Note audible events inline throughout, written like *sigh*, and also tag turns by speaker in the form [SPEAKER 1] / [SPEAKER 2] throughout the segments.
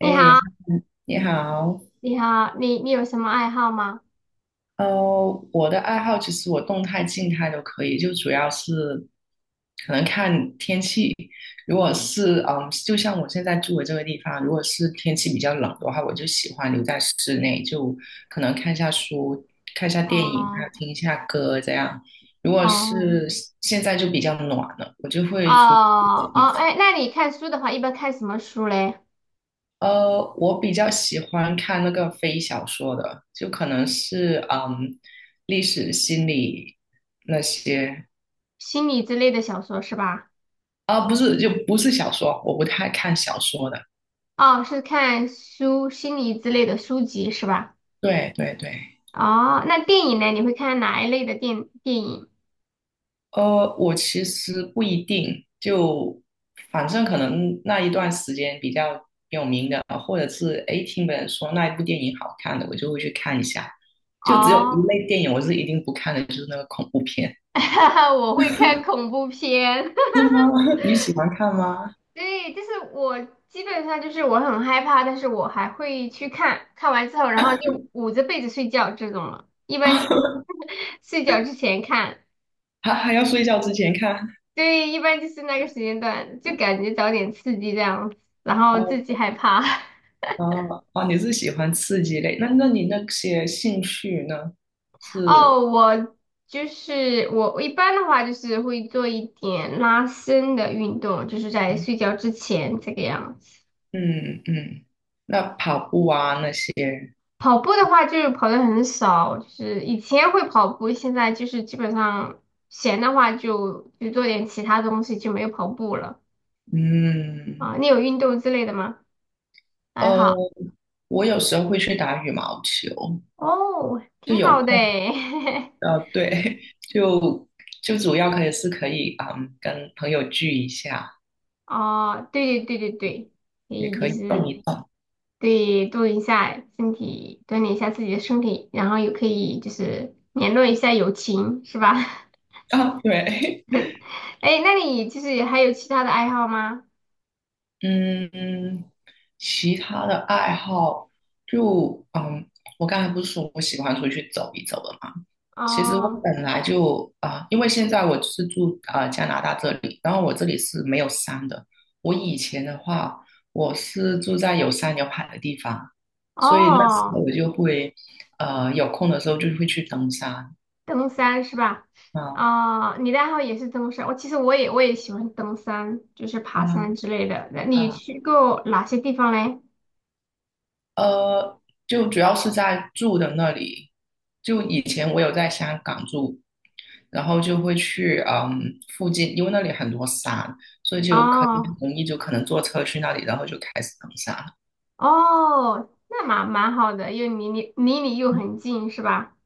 [SPEAKER 1] 你好，
[SPEAKER 2] 你好。
[SPEAKER 1] 你好，你有什么爱好吗？
[SPEAKER 2] 呃，我的爱好其实我动态、静态都可以，就主要是可能看天气。如果是就像我现在住的这个地方，如果是天气比较冷的话，我就喜欢留在室内，就可能看一下书、看一下电影啊，还
[SPEAKER 1] 哦
[SPEAKER 2] 有听一下歌这样。如果
[SPEAKER 1] 哦
[SPEAKER 2] 是现在就比较暖了，我就
[SPEAKER 1] 哦
[SPEAKER 2] 会出去走一
[SPEAKER 1] 哦，
[SPEAKER 2] 走。
[SPEAKER 1] 哎，那你看书的话，一般看什么书嘞？
[SPEAKER 2] 我比较喜欢看那个非小说的，就可能是历史、心理那些。
[SPEAKER 1] 心理之类的小说是吧？
[SPEAKER 2] 啊，不是，就不是小说，我不太看小说的。
[SPEAKER 1] 哦，是看书，心理之类的书籍是吧？
[SPEAKER 2] 对对对。
[SPEAKER 1] 哦，那电影呢？你会看哪一类的电影？
[SPEAKER 2] 我其实不一定，就反正可能那一段时间比较有名的，或者是诶听别人说那一部电影好看的，我就会去看一下。就只有一
[SPEAKER 1] 哦，
[SPEAKER 2] 类电影我是一定不看的，就是那个恐怖片。
[SPEAKER 1] *laughs* 我会看恐怖片。*laughs*
[SPEAKER 2] 是吗？*laughs* 你喜欢看吗？
[SPEAKER 1] 对，就是我基本上就是我很害怕，但是我还会去看，看完之后，然后就捂着被子睡觉这种了。一般
[SPEAKER 2] *laughs*
[SPEAKER 1] 就 *laughs* 睡觉之前看，
[SPEAKER 2] 还要睡觉之前看。
[SPEAKER 1] 对，一般就是那个时间段，就感觉找点刺激这样然后自己
[SPEAKER 2] 哦
[SPEAKER 1] 害怕。*laughs*
[SPEAKER 2] 哦哦，你是喜欢刺激类？那你那些兴趣呢？
[SPEAKER 1] 哦，
[SPEAKER 2] 是。
[SPEAKER 1] 我就是我一般的话就是会做一点拉伸的运动，就是在
[SPEAKER 2] 嗯
[SPEAKER 1] 睡觉之前这个样子。
[SPEAKER 2] 嗯，嗯，那跑步啊那些，
[SPEAKER 1] 跑步的话就是跑的很少，就是以前会跑步，现在就是基本上闲的话就做点其他东西，就没有跑步了
[SPEAKER 2] 嗯。
[SPEAKER 1] 啊。你有运动之类的吗？爱
[SPEAKER 2] 呃，
[SPEAKER 1] 好
[SPEAKER 2] 我有时候会去打羽毛球，
[SPEAKER 1] 哦，
[SPEAKER 2] 就
[SPEAKER 1] 挺
[SPEAKER 2] 有
[SPEAKER 1] 好的
[SPEAKER 2] 空。
[SPEAKER 1] 诶。
[SPEAKER 2] 对，*laughs* 就主要可以是可以，跟朋友聚一下，
[SPEAKER 1] *laughs* 哦，对对对对对，可
[SPEAKER 2] 也
[SPEAKER 1] 以就
[SPEAKER 2] 可以动
[SPEAKER 1] 是
[SPEAKER 2] 一动。
[SPEAKER 1] 对动一下身体，锻炼一下自己的身体，然后也可以就是联络一下友情，是吧？*laughs*
[SPEAKER 2] 啊，对。
[SPEAKER 1] 哎，那你就是还有其他的爱好吗？
[SPEAKER 2] 嗯，其他的爱好就我刚才不是说我喜欢出去走一走的嘛？其实我
[SPEAKER 1] 哦
[SPEAKER 2] 本来就啊、因为现在我是住加拿大这里，然后我这里是没有山的。我以前的话，我是住在有山有海的地方，所以那时候
[SPEAKER 1] 哦。
[SPEAKER 2] 我就会有空的时候就会去登山。
[SPEAKER 1] 登山是吧？
[SPEAKER 2] 啊，
[SPEAKER 1] 哦，你的爱好也是登山。我其实我也喜欢登山，就是爬
[SPEAKER 2] 啊
[SPEAKER 1] 山之类的。那你
[SPEAKER 2] 啊！
[SPEAKER 1] 去过哪些地方嘞？
[SPEAKER 2] 呃，就主要是在住的那里。就以前我有在香港住，然后就会去附近，因为那里很多山，所以就可以很
[SPEAKER 1] 哦
[SPEAKER 2] 容易就可能坐车去那里，然后就开始登山。
[SPEAKER 1] 哦，那蛮好的，又离你又很近是吧？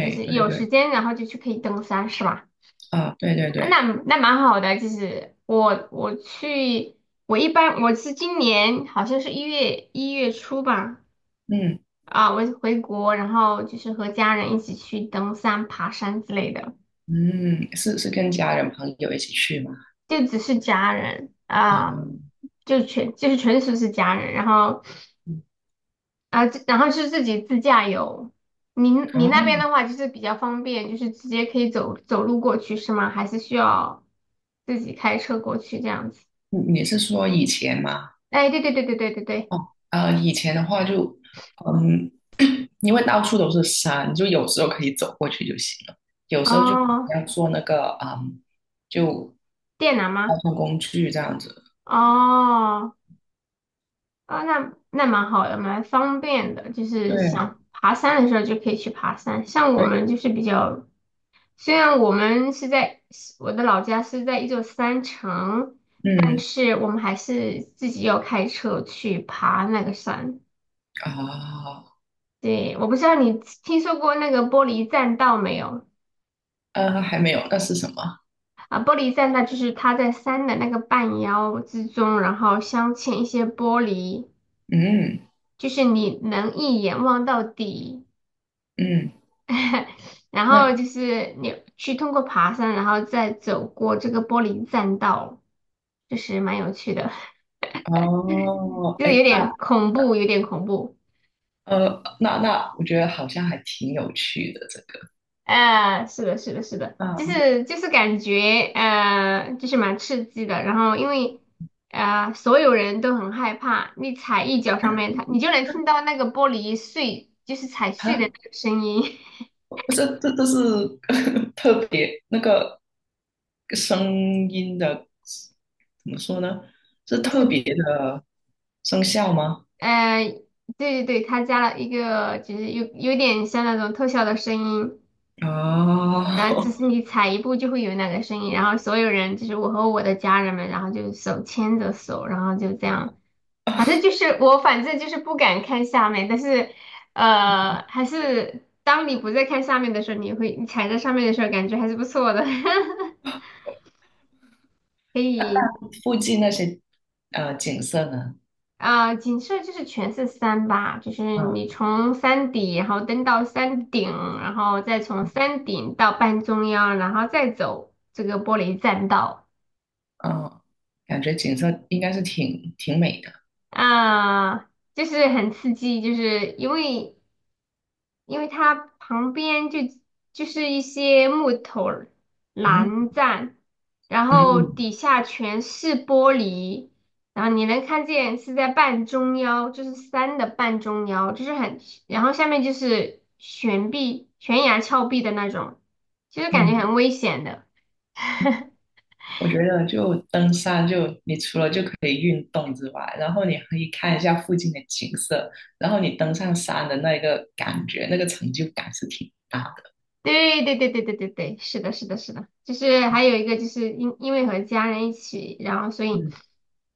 [SPEAKER 1] 就是
[SPEAKER 2] 对
[SPEAKER 1] 有时
[SPEAKER 2] 对。
[SPEAKER 1] 间然后就去可以登山是吧？
[SPEAKER 2] 啊，对对对。
[SPEAKER 1] 那那蛮好的，就是我去，我一般我是今年好像是一月初吧，
[SPEAKER 2] 嗯
[SPEAKER 1] 啊，我回国，然后就是和家人一起去登山、爬山之类的。
[SPEAKER 2] 嗯，是是跟家人朋友一起去吗？
[SPEAKER 1] 就只是家人
[SPEAKER 2] 啊，
[SPEAKER 1] 啊、就全就是纯属是家人，然后
[SPEAKER 2] 嗯。
[SPEAKER 1] 啊、这然后是自己自驾游。你那边
[SPEAKER 2] 哦，
[SPEAKER 1] 的话就是比较方便，就是直接可以走走路过去是吗？还是需要自己开车过去这样子？
[SPEAKER 2] 你你是说以前吗？
[SPEAKER 1] 哎，对对对对对对对，
[SPEAKER 2] 哦，以前的话就，嗯，*coughs* *clears throat* 因为到处都是山，就有时候可以走过去就行了，有时候就可
[SPEAKER 1] 哦，
[SPEAKER 2] 能要坐那个，就
[SPEAKER 1] 电缆吗？
[SPEAKER 2] 交通工具这样子。
[SPEAKER 1] 哦，哦，那那蛮好的，蛮方便的，就是
[SPEAKER 2] 对
[SPEAKER 1] 想爬山的时候就可以去爬山。像我
[SPEAKER 2] 对，
[SPEAKER 1] 们就是比较虽然我们是在我的老家是在一座山城，但
[SPEAKER 2] 嗯
[SPEAKER 1] 是我们还是自己要开车去爬那个山。
[SPEAKER 2] 啊。
[SPEAKER 1] 对，我不知道你听说过那个玻璃栈道没有？
[SPEAKER 2] 还没有，那是什么？
[SPEAKER 1] 啊，玻璃栈道就是它在山的那个半腰之中，然后镶嵌一些玻璃，
[SPEAKER 2] 嗯
[SPEAKER 1] 就是你能一眼望到底。
[SPEAKER 2] 嗯，
[SPEAKER 1] *laughs* 然
[SPEAKER 2] 那，
[SPEAKER 1] 后就是你去通过爬山，然后再走过这个玻璃栈道，就是蛮有趣的。
[SPEAKER 2] 哦，
[SPEAKER 1] 就是
[SPEAKER 2] 哎。
[SPEAKER 1] 有点恐怖，有点恐怖。
[SPEAKER 2] 那那我觉得好像还挺有趣的这个。
[SPEAKER 1] 是的，是的，是的，
[SPEAKER 2] 嗯
[SPEAKER 1] 就
[SPEAKER 2] 啊，
[SPEAKER 1] 是就是感觉就是蛮刺激的。然后因为所有人都很害怕，你踩一脚上面，它你就能听到那个玻璃碎，就是踩碎的
[SPEAKER 2] 哈，
[SPEAKER 1] 那个声音。*laughs*
[SPEAKER 2] 不是，这都是 *laughs* 特别那个声音的，怎么说呢？是
[SPEAKER 1] 就
[SPEAKER 2] 特
[SPEAKER 1] 是
[SPEAKER 2] 别生效吗？
[SPEAKER 1] 呃，对对对，它加了一个就是有点像那种特效的声音。然后就
[SPEAKER 2] 哦，
[SPEAKER 1] 是你踩一步就会有那个声音，然后所有人就是我和我的家人们，然后就手牵着手，然后就这样。反正就是我，反正就是不敢看下面，但是，还是当你不再看下面的时候，你会你踩在上面的时候，感觉还是不错的，*laughs* 可以
[SPEAKER 2] *laughs* 附近那些景色呢？
[SPEAKER 1] 啊、景色就是全是山吧，就是
[SPEAKER 2] 嗯
[SPEAKER 1] 你从山底，然后登到山顶，然后再从山顶到半中央，然后再走这个玻璃栈道
[SPEAKER 2] 嗯，感觉景色应该是挺美的。
[SPEAKER 1] 啊、就是很刺激，就是因为。因为它旁边就是一些木头
[SPEAKER 2] 嗯
[SPEAKER 1] 栏杆，然后
[SPEAKER 2] 嗯
[SPEAKER 1] 底下全是玻璃，然后你能看见是在半中腰，就是山的半中腰，就是很，然后下面就是悬臂、悬崖峭壁的那种，就是感觉
[SPEAKER 2] 嗯。
[SPEAKER 1] 很危险的。*laughs*
[SPEAKER 2] 我觉得就登山就，你除了就可以运动之外，然后你可以看一下附近的景色，然后你登上山的那个感觉，那个成就感是挺大的。
[SPEAKER 1] 对对对对对对对，是的，是的，是的，就是还有一个就是因为和家人一起，然后所以
[SPEAKER 2] 嗯，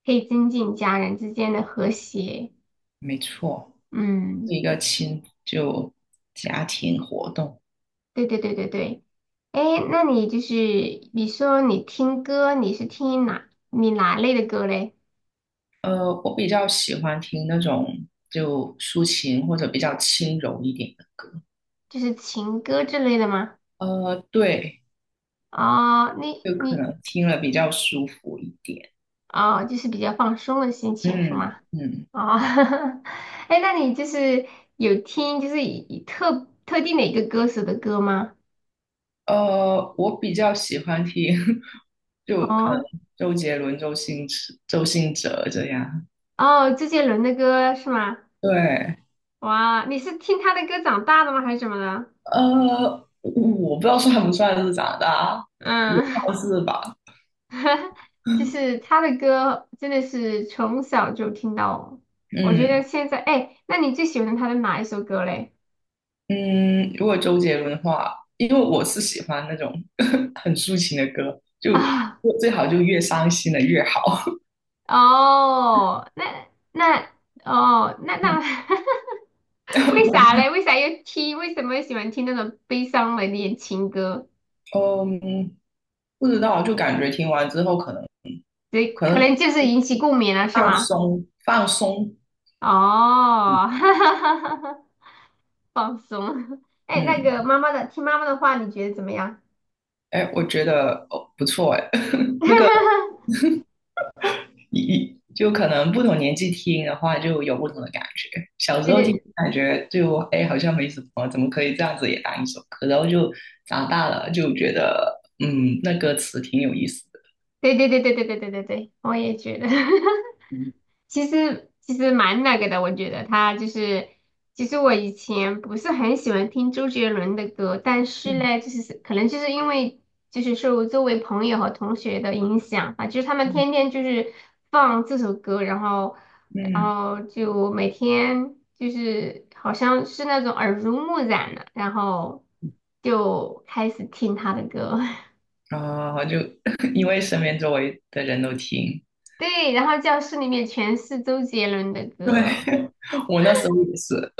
[SPEAKER 1] 可以增进家人之间的和谐。
[SPEAKER 2] 没错，是
[SPEAKER 1] 嗯，
[SPEAKER 2] 一个亲就家庭活动。
[SPEAKER 1] 对对对对对，哎，那你就是你说你听歌，你是听哪类的歌嘞？
[SPEAKER 2] 我比较喜欢听那种就抒情或者比较轻柔一点的歌。
[SPEAKER 1] 就是情歌之类的吗？
[SPEAKER 2] 对，
[SPEAKER 1] 哦，你
[SPEAKER 2] 就可
[SPEAKER 1] 你
[SPEAKER 2] 能听了比较舒服一点。
[SPEAKER 1] 哦，就是比较放松的心情是
[SPEAKER 2] 嗯
[SPEAKER 1] 吗？
[SPEAKER 2] 嗯。
[SPEAKER 1] 哦，*laughs* 哎那你就是有听就是以特定的一个歌手的歌吗？
[SPEAKER 2] 我比较喜欢听，*laughs* 就可能
[SPEAKER 1] 哦
[SPEAKER 2] 周杰伦、周星驰、周星哲这样。
[SPEAKER 1] 哦，周杰伦的歌是吗？
[SPEAKER 2] 对。
[SPEAKER 1] 哇，你是听他的歌长大的吗？还是什么的？
[SPEAKER 2] 我不知道算不算是长大，也
[SPEAKER 1] 嗯，
[SPEAKER 2] 算
[SPEAKER 1] *laughs*
[SPEAKER 2] 是吧。
[SPEAKER 1] *laughs* 就是他的歌真的是从小就听到，我觉得
[SPEAKER 2] 嗯
[SPEAKER 1] 现在，哎，那你最喜欢他的哪一首歌嘞？
[SPEAKER 2] 嗯，如果周杰伦的话，因为我是喜欢那种 *laughs* 很抒情的歌，
[SPEAKER 1] *laughs*
[SPEAKER 2] 就
[SPEAKER 1] 啊，
[SPEAKER 2] 最好就越伤心的越好。
[SPEAKER 1] 哦，那那哦，那那，
[SPEAKER 2] 嗯，
[SPEAKER 1] *laughs* 为啥
[SPEAKER 2] *laughs*
[SPEAKER 1] 嘞？为啥要听？为什么喜欢听那种悲伤的恋情歌？
[SPEAKER 2] 我不知道，就感觉听完之后可能
[SPEAKER 1] 对，
[SPEAKER 2] 可
[SPEAKER 1] 可
[SPEAKER 2] 能
[SPEAKER 1] 能就是引起共鸣了，是
[SPEAKER 2] 放
[SPEAKER 1] 吗？
[SPEAKER 2] 松放松。
[SPEAKER 1] 哦，
[SPEAKER 2] 嗯。
[SPEAKER 1] *laughs* 哈哈哈哈哈，放松。*laughs* 哎，那个
[SPEAKER 2] 嗯，
[SPEAKER 1] 妈妈的，听妈妈的话，你觉得怎么样？
[SPEAKER 2] 哎，我觉得哦不错哎，*laughs* 那个
[SPEAKER 1] *laughs*
[SPEAKER 2] 一就可能不同年纪听的话，就有不同的感觉。小时
[SPEAKER 1] 对
[SPEAKER 2] 候听
[SPEAKER 1] 对，
[SPEAKER 2] 感觉就哎好像没什么，怎么可以这样子也当一首歌？然后就长大了就觉得那歌词挺有意思的。
[SPEAKER 1] 对对对对对对对对对，我也觉得，
[SPEAKER 2] 嗯
[SPEAKER 1] *laughs* 其实蛮那个的，我觉得他就是，其实我以前不是很喜欢听周杰伦的歌，但是
[SPEAKER 2] 嗯
[SPEAKER 1] 呢，可能就是因为就是受周围朋友和同学的影响啊，就是他们
[SPEAKER 2] 嗯
[SPEAKER 1] 天天就是放这首歌，然后然
[SPEAKER 2] 嗯，
[SPEAKER 1] 后就每天就是好像是那种耳濡目染的，然后就开始听他的歌，*laughs*
[SPEAKER 2] 啊、就 *laughs* 因为身边周围的人都听。
[SPEAKER 1] 对，然后教室里面全是周杰伦的歌，
[SPEAKER 2] 对， *laughs* 我那时候也是。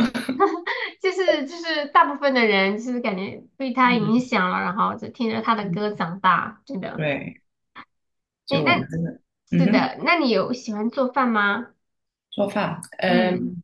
[SPEAKER 1] *laughs* 就是大部分的人就是感觉被他影
[SPEAKER 2] 嗯
[SPEAKER 1] 响了，然后就听着他的歌
[SPEAKER 2] 嗯，
[SPEAKER 1] 长大，真的。
[SPEAKER 2] 对，
[SPEAKER 1] 哎，
[SPEAKER 2] 就我
[SPEAKER 1] 那
[SPEAKER 2] 们真的，嗯
[SPEAKER 1] 是
[SPEAKER 2] 哼。
[SPEAKER 1] 的，那你有喜欢做饭吗？
[SPEAKER 2] 做饭，
[SPEAKER 1] 嗯，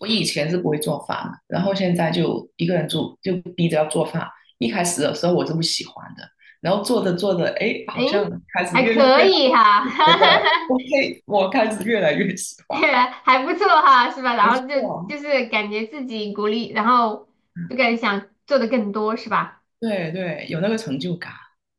[SPEAKER 2] 我以前是不会做饭的，然后现在就一个人住，就逼着要做饭。一开始的时候我是不喜欢的，然后做着做着，哎，
[SPEAKER 1] 哎，
[SPEAKER 2] 好像开始
[SPEAKER 1] 还
[SPEAKER 2] 越弄
[SPEAKER 1] 可
[SPEAKER 2] 越好，
[SPEAKER 1] 以哈，
[SPEAKER 2] 觉得
[SPEAKER 1] *laughs*
[SPEAKER 2] OK，我开始越来越喜欢了。
[SPEAKER 1] 还不错哈，是吧？然
[SPEAKER 2] 没
[SPEAKER 1] 后就就
[SPEAKER 2] 错，
[SPEAKER 1] 是感觉自己鼓励，然后就感觉想做的更多，是吧？
[SPEAKER 2] 对对，有那个成就感。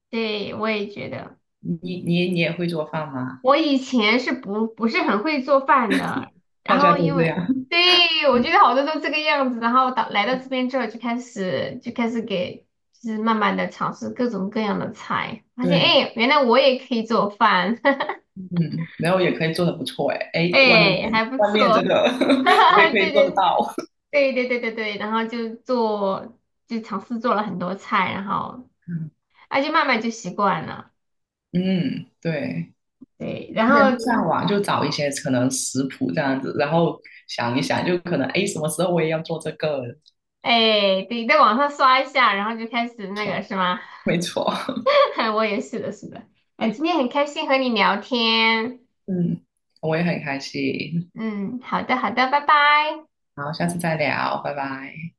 [SPEAKER 1] 对，我也觉得。
[SPEAKER 2] 你也会做饭吗？
[SPEAKER 1] 我以前是不是很会做饭的，然
[SPEAKER 2] 大家
[SPEAKER 1] 后
[SPEAKER 2] 都
[SPEAKER 1] 因
[SPEAKER 2] 这
[SPEAKER 1] 为
[SPEAKER 2] 样。
[SPEAKER 1] 对我觉
[SPEAKER 2] *laughs*
[SPEAKER 1] 得好多都这个样子，然后到来到这边之后就开始给就是慢慢的尝试各种各样的菜，发现
[SPEAKER 2] 对，
[SPEAKER 1] 哎原来我也可以做饭，
[SPEAKER 2] 嗯，然后也可以做的不错，哎
[SPEAKER 1] *laughs*
[SPEAKER 2] 哎，外面
[SPEAKER 1] 哎还不
[SPEAKER 2] 外面
[SPEAKER 1] 错，
[SPEAKER 2] 这个
[SPEAKER 1] *laughs* 哈
[SPEAKER 2] *laughs* 我也
[SPEAKER 1] 哈，
[SPEAKER 2] 可以
[SPEAKER 1] 对
[SPEAKER 2] 做得
[SPEAKER 1] 对
[SPEAKER 2] 到。
[SPEAKER 1] 对对对对对，然后就做就尝试做了很多菜，然后啊就慢慢就习惯了，
[SPEAKER 2] 嗯，对。
[SPEAKER 1] 对，然
[SPEAKER 2] 而且会
[SPEAKER 1] 后
[SPEAKER 2] 上网就找一些可能食谱这样子，然后想一想，就可能哎，什么时候我也要做这个，
[SPEAKER 1] 哎对在网上刷一下，然后就开始
[SPEAKER 2] 是
[SPEAKER 1] 那个
[SPEAKER 2] 吧？
[SPEAKER 1] 是吗？
[SPEAKER 2] 没错。
[SPEAKER 1] *laughs* 我也是的，是的。哎，今天很开心和你聊天。
[SPEAKER 2] 嗯，我也很开心。
[SPEAKER 1] 嗯，好的，好的，拜拜。
[SPEAKER 2] 好，下次再聊，拜拜。